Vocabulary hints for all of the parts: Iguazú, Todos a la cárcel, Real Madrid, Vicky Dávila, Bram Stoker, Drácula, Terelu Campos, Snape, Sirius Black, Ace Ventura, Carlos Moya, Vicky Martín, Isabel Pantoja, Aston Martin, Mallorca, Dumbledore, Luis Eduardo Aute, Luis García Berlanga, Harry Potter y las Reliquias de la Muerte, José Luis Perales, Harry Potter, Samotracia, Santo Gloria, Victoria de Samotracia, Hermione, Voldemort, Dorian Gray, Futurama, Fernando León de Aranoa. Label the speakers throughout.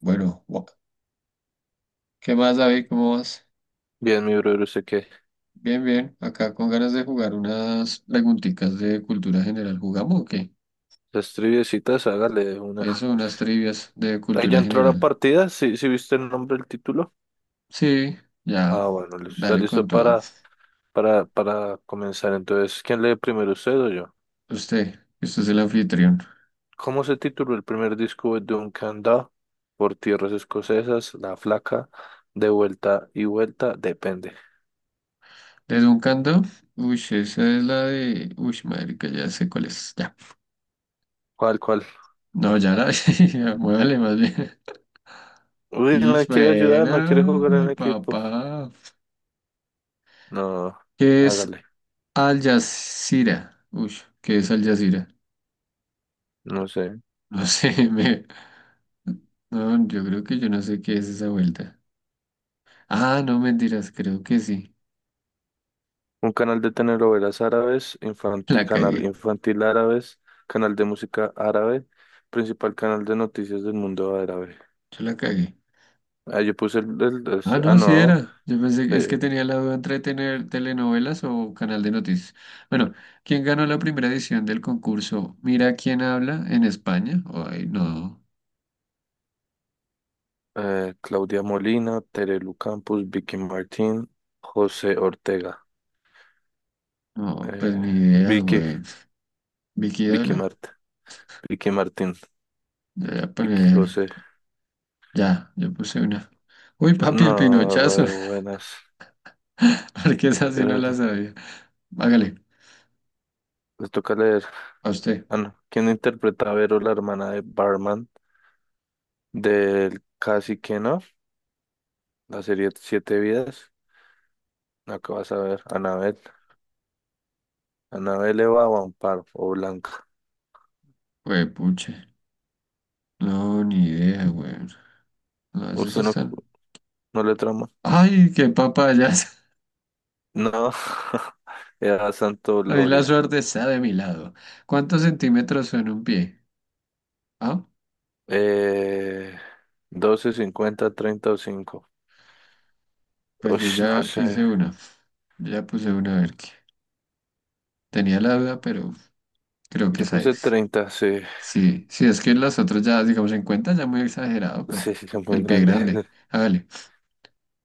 Speaker 1: Bueno, ¿qué más, David? ¿Cómo vas?
Speaker 2: Bien, mi brother, usted que
Speaker 1: Bien, bien. Acá con ganas de jugar unas preguntitas de cultura general. ¿Jugamos o qué?
Speaker 2: las triviecitas, hágale de una.
Speaker 1: Eso, unas trivias de
Speaker 2: Ahí ya
Speaker 1: cultura
Speaker 2: entró la
Speaker 1: general.
Speaker 2: partida, ¿sí, sí viste el nombre del título?
Speaker 1: Sí, ya.
Speaker 2: Ah, bueno, listo, está
Speaker 1: Dale con
Speaker 2: listo
Speaker 1: todo.
Speaker 2: para comenzar. Entonces, ¿quién lee primero, usted o yo?
Speaker 1: Usted es el anfitrión.
Speaker 2: ¿Cómo se tituló el primer disco de Duncan Dhu? Por tierras escocesas, La Flaca, De vuelta y vuelta, depende.
Speaker 1: ¿Desde un canto? Uy, esa es la de... Uy, madre, que ya sé cuál es. Ya.
Speaker 2: ¿Cuál, cuál?
Speaker 1: No, ya, Muévale más bien.
Speaker 2: Uy,
Speaker 1: Y
Speaker 2: no quiere ayudar, no quiere
Speaker 1: bueno,
Speaker 2: jugar
Speaker 1: mi
Speaker 2: en equipo.
Speaker 1: papá.
Speaker 2: No,
Speaker 1: ¿Qué es
Speaker 2: hágale,
Speaker 1: Al Jazeera? Uy, ¿qué es Al Jazeera?
Speaker 2: no sé.
Speaker 1: No sé, no, yo creo que yo no sé qué es esa vuelta. Ah, no, mentiras, creo que sí.
Speaker 2: Un canal de telenovelas árabes,
Speaker 1: La
Speaker 2: canal
Speaker 1: cagué,
Speaker 2: infantil árabes, canal de música árabe, principal canal de noticias del mundo árabe.
Speaker 1: yo la cagué.
Speaker 2: Ah, yo puse
Speaker 1: Ah,
Speaker 2: ah,
Speaker 1: no, sí
Speaker 2: no,
Speaker 1: era. Yo pensé que es que
Speaker 2: eh,
Speaker 1: tenía la duda entre tener telenovelas o canal de noticias. Bueno, ¿quién ganó la primera edición del concurso? Mira quién habla en España. Ay, no,
Speaker 2: Claudia Molina, Terelu Campos, Vicky Martín, José Ortega,
Speaker 1: no, pues ni
Speaker 2: eh,
Speaker 1: idea,
Speaker 2: Vicky,
Speaker 1: güey. Vicky
Speaker 2: Vicky
Speaker 1: Dávila.
Speaker 2: Mart, Vicky Martín,
Speaker 1: Yo Voy a
Speaker 2: Vicky
Speaker 1: poner,
Speaker 2: José.
Speaker 1: ya, yo puse una. Uy, papi, el
Speaker 2: No,
Speaker 1: pinochazo,
Speaker 2: re buenas.
Speaker 1: porque esa sí no la
Speaker 2: Pero
Speaker 1: sabía. Hágale,
Speaker 2: les toca leer.
Speaker 1: a usted.
Speaker 2: Ah, no. ¿Quién interpreta a Vero, la hermana de Barman del Cacique, no? La serie Siete Vidas, la que vas a ver, Anabel. Anabel Eva o Amparo o Blanca.
Speaker 1: Güey, puche. No, ni idea, güey. No, esas
Speaker 2: ¿Usted no,
Speaker 1: están.
Speaker 2: no le trama?
Speaker 1: ¡Ay, qué papayas!
Speaker 2: No, era Santo
Speaker 1: Ahí la
Speaker 2: Gloria.
Speaker 1: suerte está de mi lado. ¿Cuántos centímetros son un pie? Ah,
Speaker 2: Eh, 12, 50, 30 o cinco.
Speaker 1: pues
Speaker 2: Uy,
Speaker 1: yo
Speaker 2: no
Speaker 1: ya
Speaker 2: sé.
Speaker 1: hice una. Yo ya puse una, a ver qué. Tenía la duda, pero creo que
Speaker 2: Yo
Speaker 1: esa
Speaker 2: puse
Speaker 1: es.
Speaker 2: 30, sí.
Speaker 1: Sí, sí, es que las otras ya, digamos, en cuenta ya muy exagerado,
Speaker 2: Sí,
Speaker 1: pero
Speaker 2: sí, es muy
Speaker 1: el pie
Speaker 2: grande.
Speaker 1: grande. Hágale.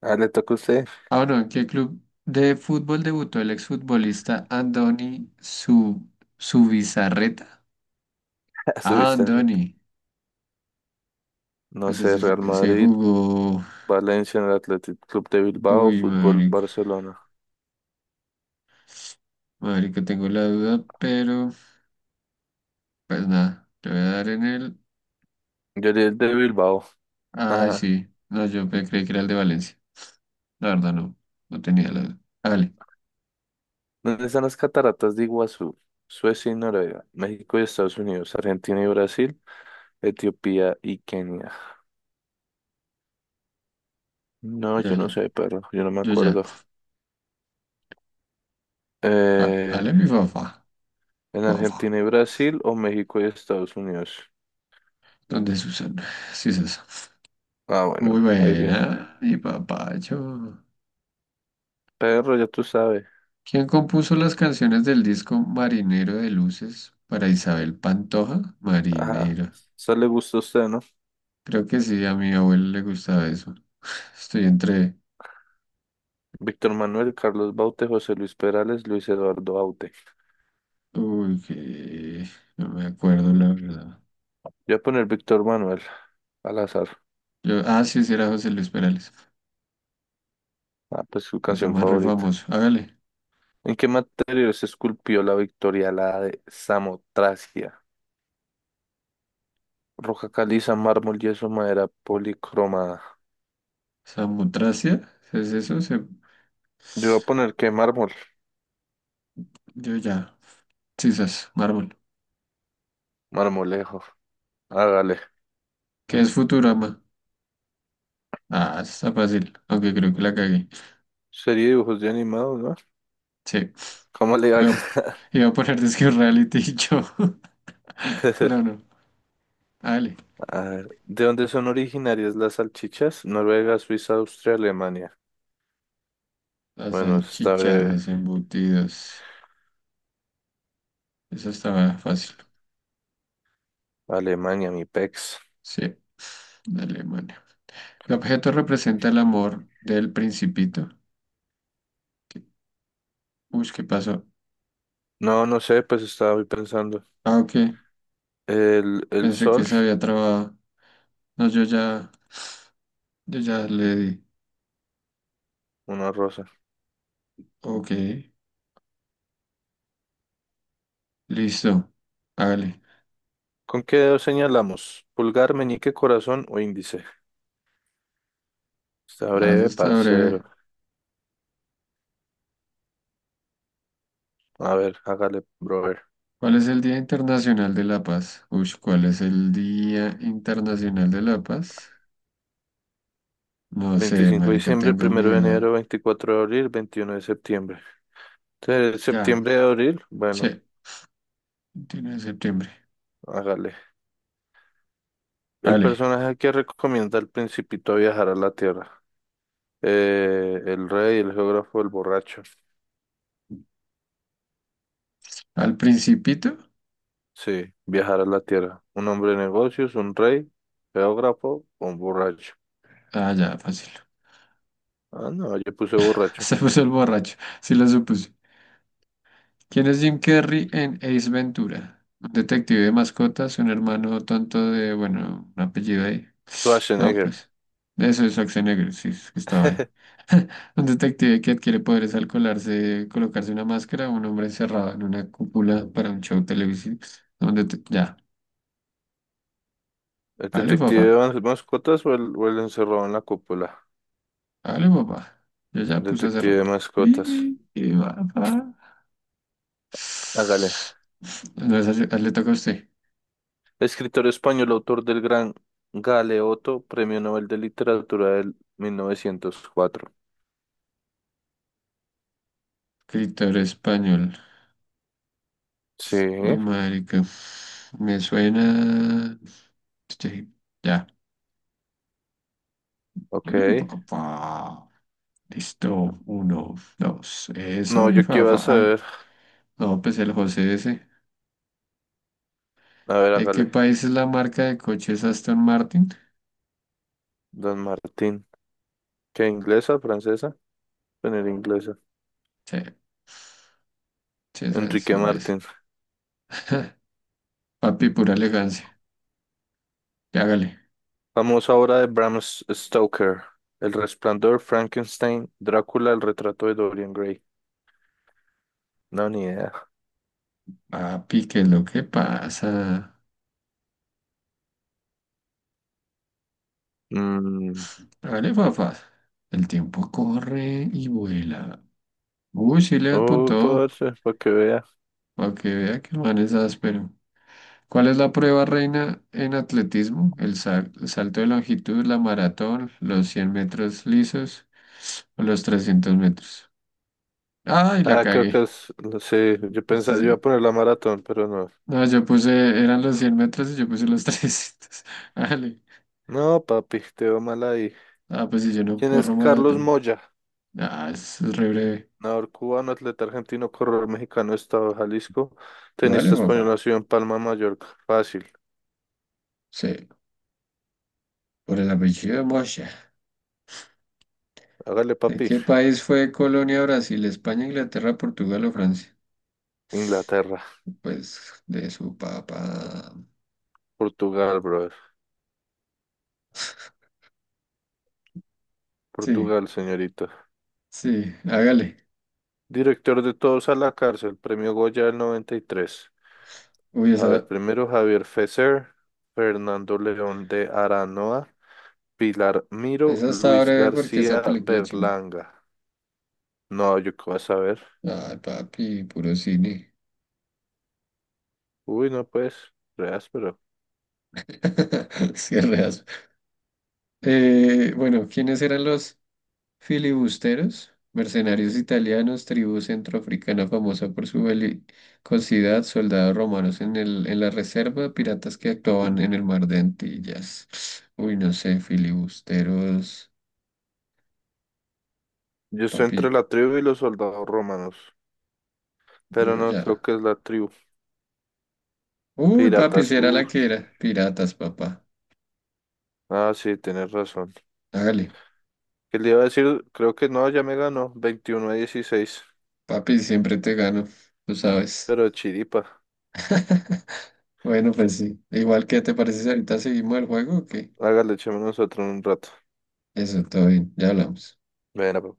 Speaker 2: Ah, le toca a usted.
Speaker 1: Ah, bueno, ¿en qué club de fútbol debutó el exfutbolista Andoni Su Subizarreta?
Speaker 2: A su
Speaker 1: Ah,
Speaker 2: bizarro.
Speaker 1: Andoni.
Speaker 2: No
Speaker 1: Pues
Speaker 2: sé,
Speaker 1: ese,
Speaker 2: Real
Speaker 1: ese
Speaker 2: Madrid,
Speaker 1: jugó.
Speaker 2: Valencia en el Athletic Club de Bilbao,
Speaker 1: Uy,
Speaker 2: Fútbol
Speaker 1: marica.
Speaker 2: Barcelona.
Speaker 1: Marica, tengo la duda, pero pues nada, le voy a dar en el.
Speaker 2: Yo di el de Bilbao.
Speaker 1: Ay, sí. No, creí que era el de Valencia. La verdad, no. No tenía la duda. Hágale.
Speaker 2: ¿Dónde están las cataratas de Iguazú? Suecia y Noruega, México y Estados Unidos, Argentina y Brasil, Etiopía y Kenia. No,
Speaker 1: Ya,
Speaker 2: yo no
Speaker 1: ya.
Speaker 2: sé, perro, yo no me
Speaker 1: Yo ya.
Speaker 2: acuerdo.
Speaker 1: Ah,
Speaker 2: Eh,
Speaker 1: hágale, mi papá.
Speaker 2: ¿En
Speaker 1: Papá.
Speaker 2: Argentina y Brasil o México y Estados Unidos?
Speaker 1: ¿Dónde es Susana? Sí, es eso.
Speaker 2: Ah, bueno,
Speaker 1: Muy
Speaker 2: ahí viene.
Speaker 1: buena, mi papacho.
Speaker 2: Perro, ya tú sabes.
Speaker 1: ¿Quién compuso las canciones del disco Marinero de Luces para Isabel Pantoja?
Speaker 2: Ajá,
Speaker 1: Marinero.
Speaker 2: eso le gusta a usted, ¿no?
Speaker 1: Creo que sí, a mi abuelo le gustaba eso. Estoy entre...
Speaker 2: Víctor Manuel, Carlos Baute, José Luis Perales, Luis Eduardo Aute.
Speaker 1: Uy, que... No me acuerdo la verdad.
Speaker 2: Yo voy a poner Víctor Manuel al azar.
Speaker 1: Ah, sí, sí era José Luis Perales.
Speaker 2: Ah, pues su
Speaker 1: Ese
Speaker 2: canción
Speaker 1: más re
Speaker 2: favorita.
Speaker 1: famoso. Hágale.
Speaker 2: ¿En qué material se esculpió la Victoria la de Samotracia? Roca caliza, mármol, yeso, madera policromada.
Speaker 1: Samotracia. ¿Es eso?
Speaker 2: Yo voy a poner que mármol,
Speaker 1: Yo ya. Sisas, mármol.
Speaker 2: marmolejo. Hágale.
Speaker 1: ¿Qué es Futurama? Ah, está fácil. Aunque creo que la cagué.
Speaker 2: Sería dibujos de animados, ¿no?
Speaker 1: Sí.
Speaker 2: ¿Cómo le va a
Speaker 1: Iba a,
Speaker 2: ganar?
Speaker 1: iba a poner Disque Reality yo. Pero no. Hágale.
Speaker 2: A ver, ¿de dónde son originarias las salchichas? Noruega, Suiza, Austria, Alemania.
Speaker 1: Las
Speaker 2: Bueno, eso está
Speaker 1: salchichas,
Speaker 2: breve.
Speaker 1: los embutidos. Eso estaba fácil.
Speaker 2: Alemania, mi pex.
Speaker 1: Sí, de Alemania. El objeto representa el amor del principito. ¿Qué- Uy, ¿qué pasó?
Speaker 2: No, no sé, pues estaba ahí pensando.
Speaker 1: Ah, ok.
Speaker 2: El
Speaker 1: Pensé que
Speaker 2: sol,
Speaker 1: se había trabado. No, yo ya le di.
Speaker 2: una rosa.
Speaker 1: Ok, listo. Hágale.
Speaker 2: ¿Con qué dedo señalamos? ¿Pulgar, meñique, corazón o índice? Está
Speaker 1: Ah, eso
Speaker 2: breve,
Speaker 1: está breve.
Speaker 2: parcero. A ver, hágale, brother.
Speaker 1: ¿Cuál es el Día Internacional de la Paz? Uy, ¿cuál es el Día Internacional de la Paz? No sé,
Speaker 2: Veinticinco de
Speaker 1: marica,
Speaker 2: diciembre,
Speaker 1: tengo mi
Speaker 2: primero de enero,
Speaker 1: duda.
Speaker 2: 24 de abril, 21 de septiembre.
Speaker 1: Ya,
Speaker 2: ¿Septiembre de abril? Bueno,
Speaker 1: sí, 29 de septiembre.
Speaker 2: hágale. El
Speaker 1: Vale.
Speaker 2: personaje que recomienda al principito a viajar a la Tierra. El rey, el geógrafo, el borracho.
Speaker 1: ¿Al principito?
Speaker 2: Sí, viajar a la Tierra. Un hombre de negocios, un rey, geógrafo o un borracho.
Speaker 1: Ah, ya, fácil.
Speaker 2: Ah, no, yo puse borracho.
Speaker 1: Se puso el borracho, sí lo supuse. ¿Quién es Jim Carrey en Ace Ventura? Un detective de mascotas, un hermano tonto de, bueno, un apellido ahí. No,
Speaker 2: Schwarzenegger.
Speaker 1: pues, eso es Schwarzenegger, sí, es que estaba ahí. Un detective que adquiere poderes al colarse, colocarse una máscara, un hombre encerrado en una cúpula para un show televisivo. Ya,
Speaker 2: ¿El
Speaker 1: dale
Speaker 2: detective de
Speaker 1: papá,
Speaker 2: mascotas o el encerrado en la cúpula?
Speaker 1: dale papá. Yo
Speaker 2: El
Speaker 1: ya puse hace
Speaker 2: detective de
Speaker 1: rato.
Speaker 2: mascotas.
Speaker 1: Y, papá.
Speaker 2: Hágale.
Speaker 1: No, esa le toca a usted.
Speaker 2: Escritor español, autor del gran Galeoto, Premio Nobel de Literatura del 1904.
Speaker 1: Escritor español.
Speaker 2: Sí,
Speaker 1: Uy, marica. Me suena. Sí, ya.
Speaker 2: ok.
Speaker 1: Dale un poco. Pa. Listo. Uno, dos. Eso,
Speaker 2: No,
Speaker 1: mi
Speaker 2: yo qué iba a
Speaker 1: fafa. Ay.
Speaker 2: saber.
Speaker 1: No, pues el José ese.
Speaker 2: A ver,
Speaker 1: ¿De qué
Speaker 2: hágale.
Speaker 1: país es la marca de coches Aston Martin?
Speaker 2: Don Martín. ¿Qué, inglesa, francesa? Poner inglesa.
Speaker 1: Sí, sí, esa es
Speaker 2: Enrique
Speaker 1: inglesa.
Speaker 2: Martín.
Speaker 1: Papi, pura elegancia. Ya, hágale.
Speaker 2: Famosa obra de Bram Stoker. El Resplandor, Frankenstein, Drácula, el retrato de Dorian Gray. No, ni idea.
Speaker 1: Papi, ¿qué es lo que pasa?
Speaker 2: Mm.
Speaker 1: Hágale, fafa. El tiempo corre y vuela. Uy, sí le
Speaker 2: Oh,
Speaker 1: apuntó.
Speaker 2: parce, para que vea.
Speaker 1: Para que vea que el man es áspero. ¿Cuál es la prueba reina en atletismo? El salto de longitud, la maratón, los 100 metros lisos o los 300 metros. ¡Ay, la
Speaker 2: Ah, creo que
Speaker 1: cagué!
Speaker 2: es, sí, yo pensaba, yo iba
Speaker 1: Entonces,
Speaker 2: a poner la maratón, pero no.
Speaker 1: no, eran los 100 metros y yo puse los 300. Vale.
Speaker 2: No, papi, te veo mal ahí.
Speaker 1: Ah, pues si yo no
Speaker 2: ¿Quién es
Speaker 1: corro
Speaker 2: Carlos
Speaker 1: maratón.
Speaker 2: Moya?
Speaker 1: Ah, eso es re breve.
Speaker 2: Nadador cubano, atleta argentino, corredor mexicano, Estado de Jalisco,
Speaker 1: Vale,
Speaker 2: tenista español,
Speaker 1: papá.
Speaker 2: nacido en Palma, Mallorca. Fácil.
Speaker 1: Sí, por el apellido de Moshe.
Speaker 2: Hágale,
Speaker 1: ¿De
Speaker 2: papi.
Speaker 1: qué país fue colonia Brasil, España, Inglaterra, Portugal o Francia?
Speaker 2: Inglaterra,
Speaker 1: Pues de su papá.
Speaker 2: Portugal, brother.
Speaker 1: Sí.
Speaker 2: Portugal, señorita.
Speaker 1: Sí, hágale.
Speaker 2: Director de Todos a la cárcel, premio Goya del 93.
Speaker 1: Uy,
Speaker 2: A ver,
Speaker 1: esa,
Speaker 2: primero Javier Fesser, Fernando León de Aranoa. Pilar Miro,
Speaker 1: esa está
Speaker 2: Luis
Speaker 1: breve porque esa
Speaker 2: García
Speaker 1: película es chimba.
Speaker 2: Berlanga. No, yo qué vas a ver.
Speaker 1: Ay, papi, puro cine.
Speaker 2: Uy, no pues, re áspero.
Speaker 1: Sí, bueno, ¿quiénes eran los filibusteros? Mercenarios italianos, tribu centroafricana famosa por su belicosidad, soldados romanos en el, en la reserva, piratas que actuaban en el mar de Antillas. Uy, no sé, filibusteros,
Speaker 2: Yo estoy
Speaker 1: papi,
Speaker 2: entre la tribu y los soldados romanos, pero
Speaker 1: yo
Speaker 2: no creo
Speaker 1: ya.
Speaker 2: que es la tribu.
Speaker 1: Uy, papi,
Speaker 2: Piratas,
Speaker 1: si era la
Speaker 2: uff.
Speaker 1: que era. Piratas, papá.
Speaker 2: Ah, sí, tienes razón.
Speaker 1: Hágale.
Speaker 2: ¿Qué le iba a decir? Creo que no, ya me ganó. 21-16.
Speaker 1: Papi, siempre te gano, tú sabes.
Speaker 2: Pero chiripa.
Speaker 1: Bueno, pues sí. ¿Igual que te parece si ahorita seguimos el juego, o qué?
Speaker 2: Hágale, echémonos otro en un rato.
Speaker 1: Eso, todo bien, ya hablamos.
Speaker 2: Venga,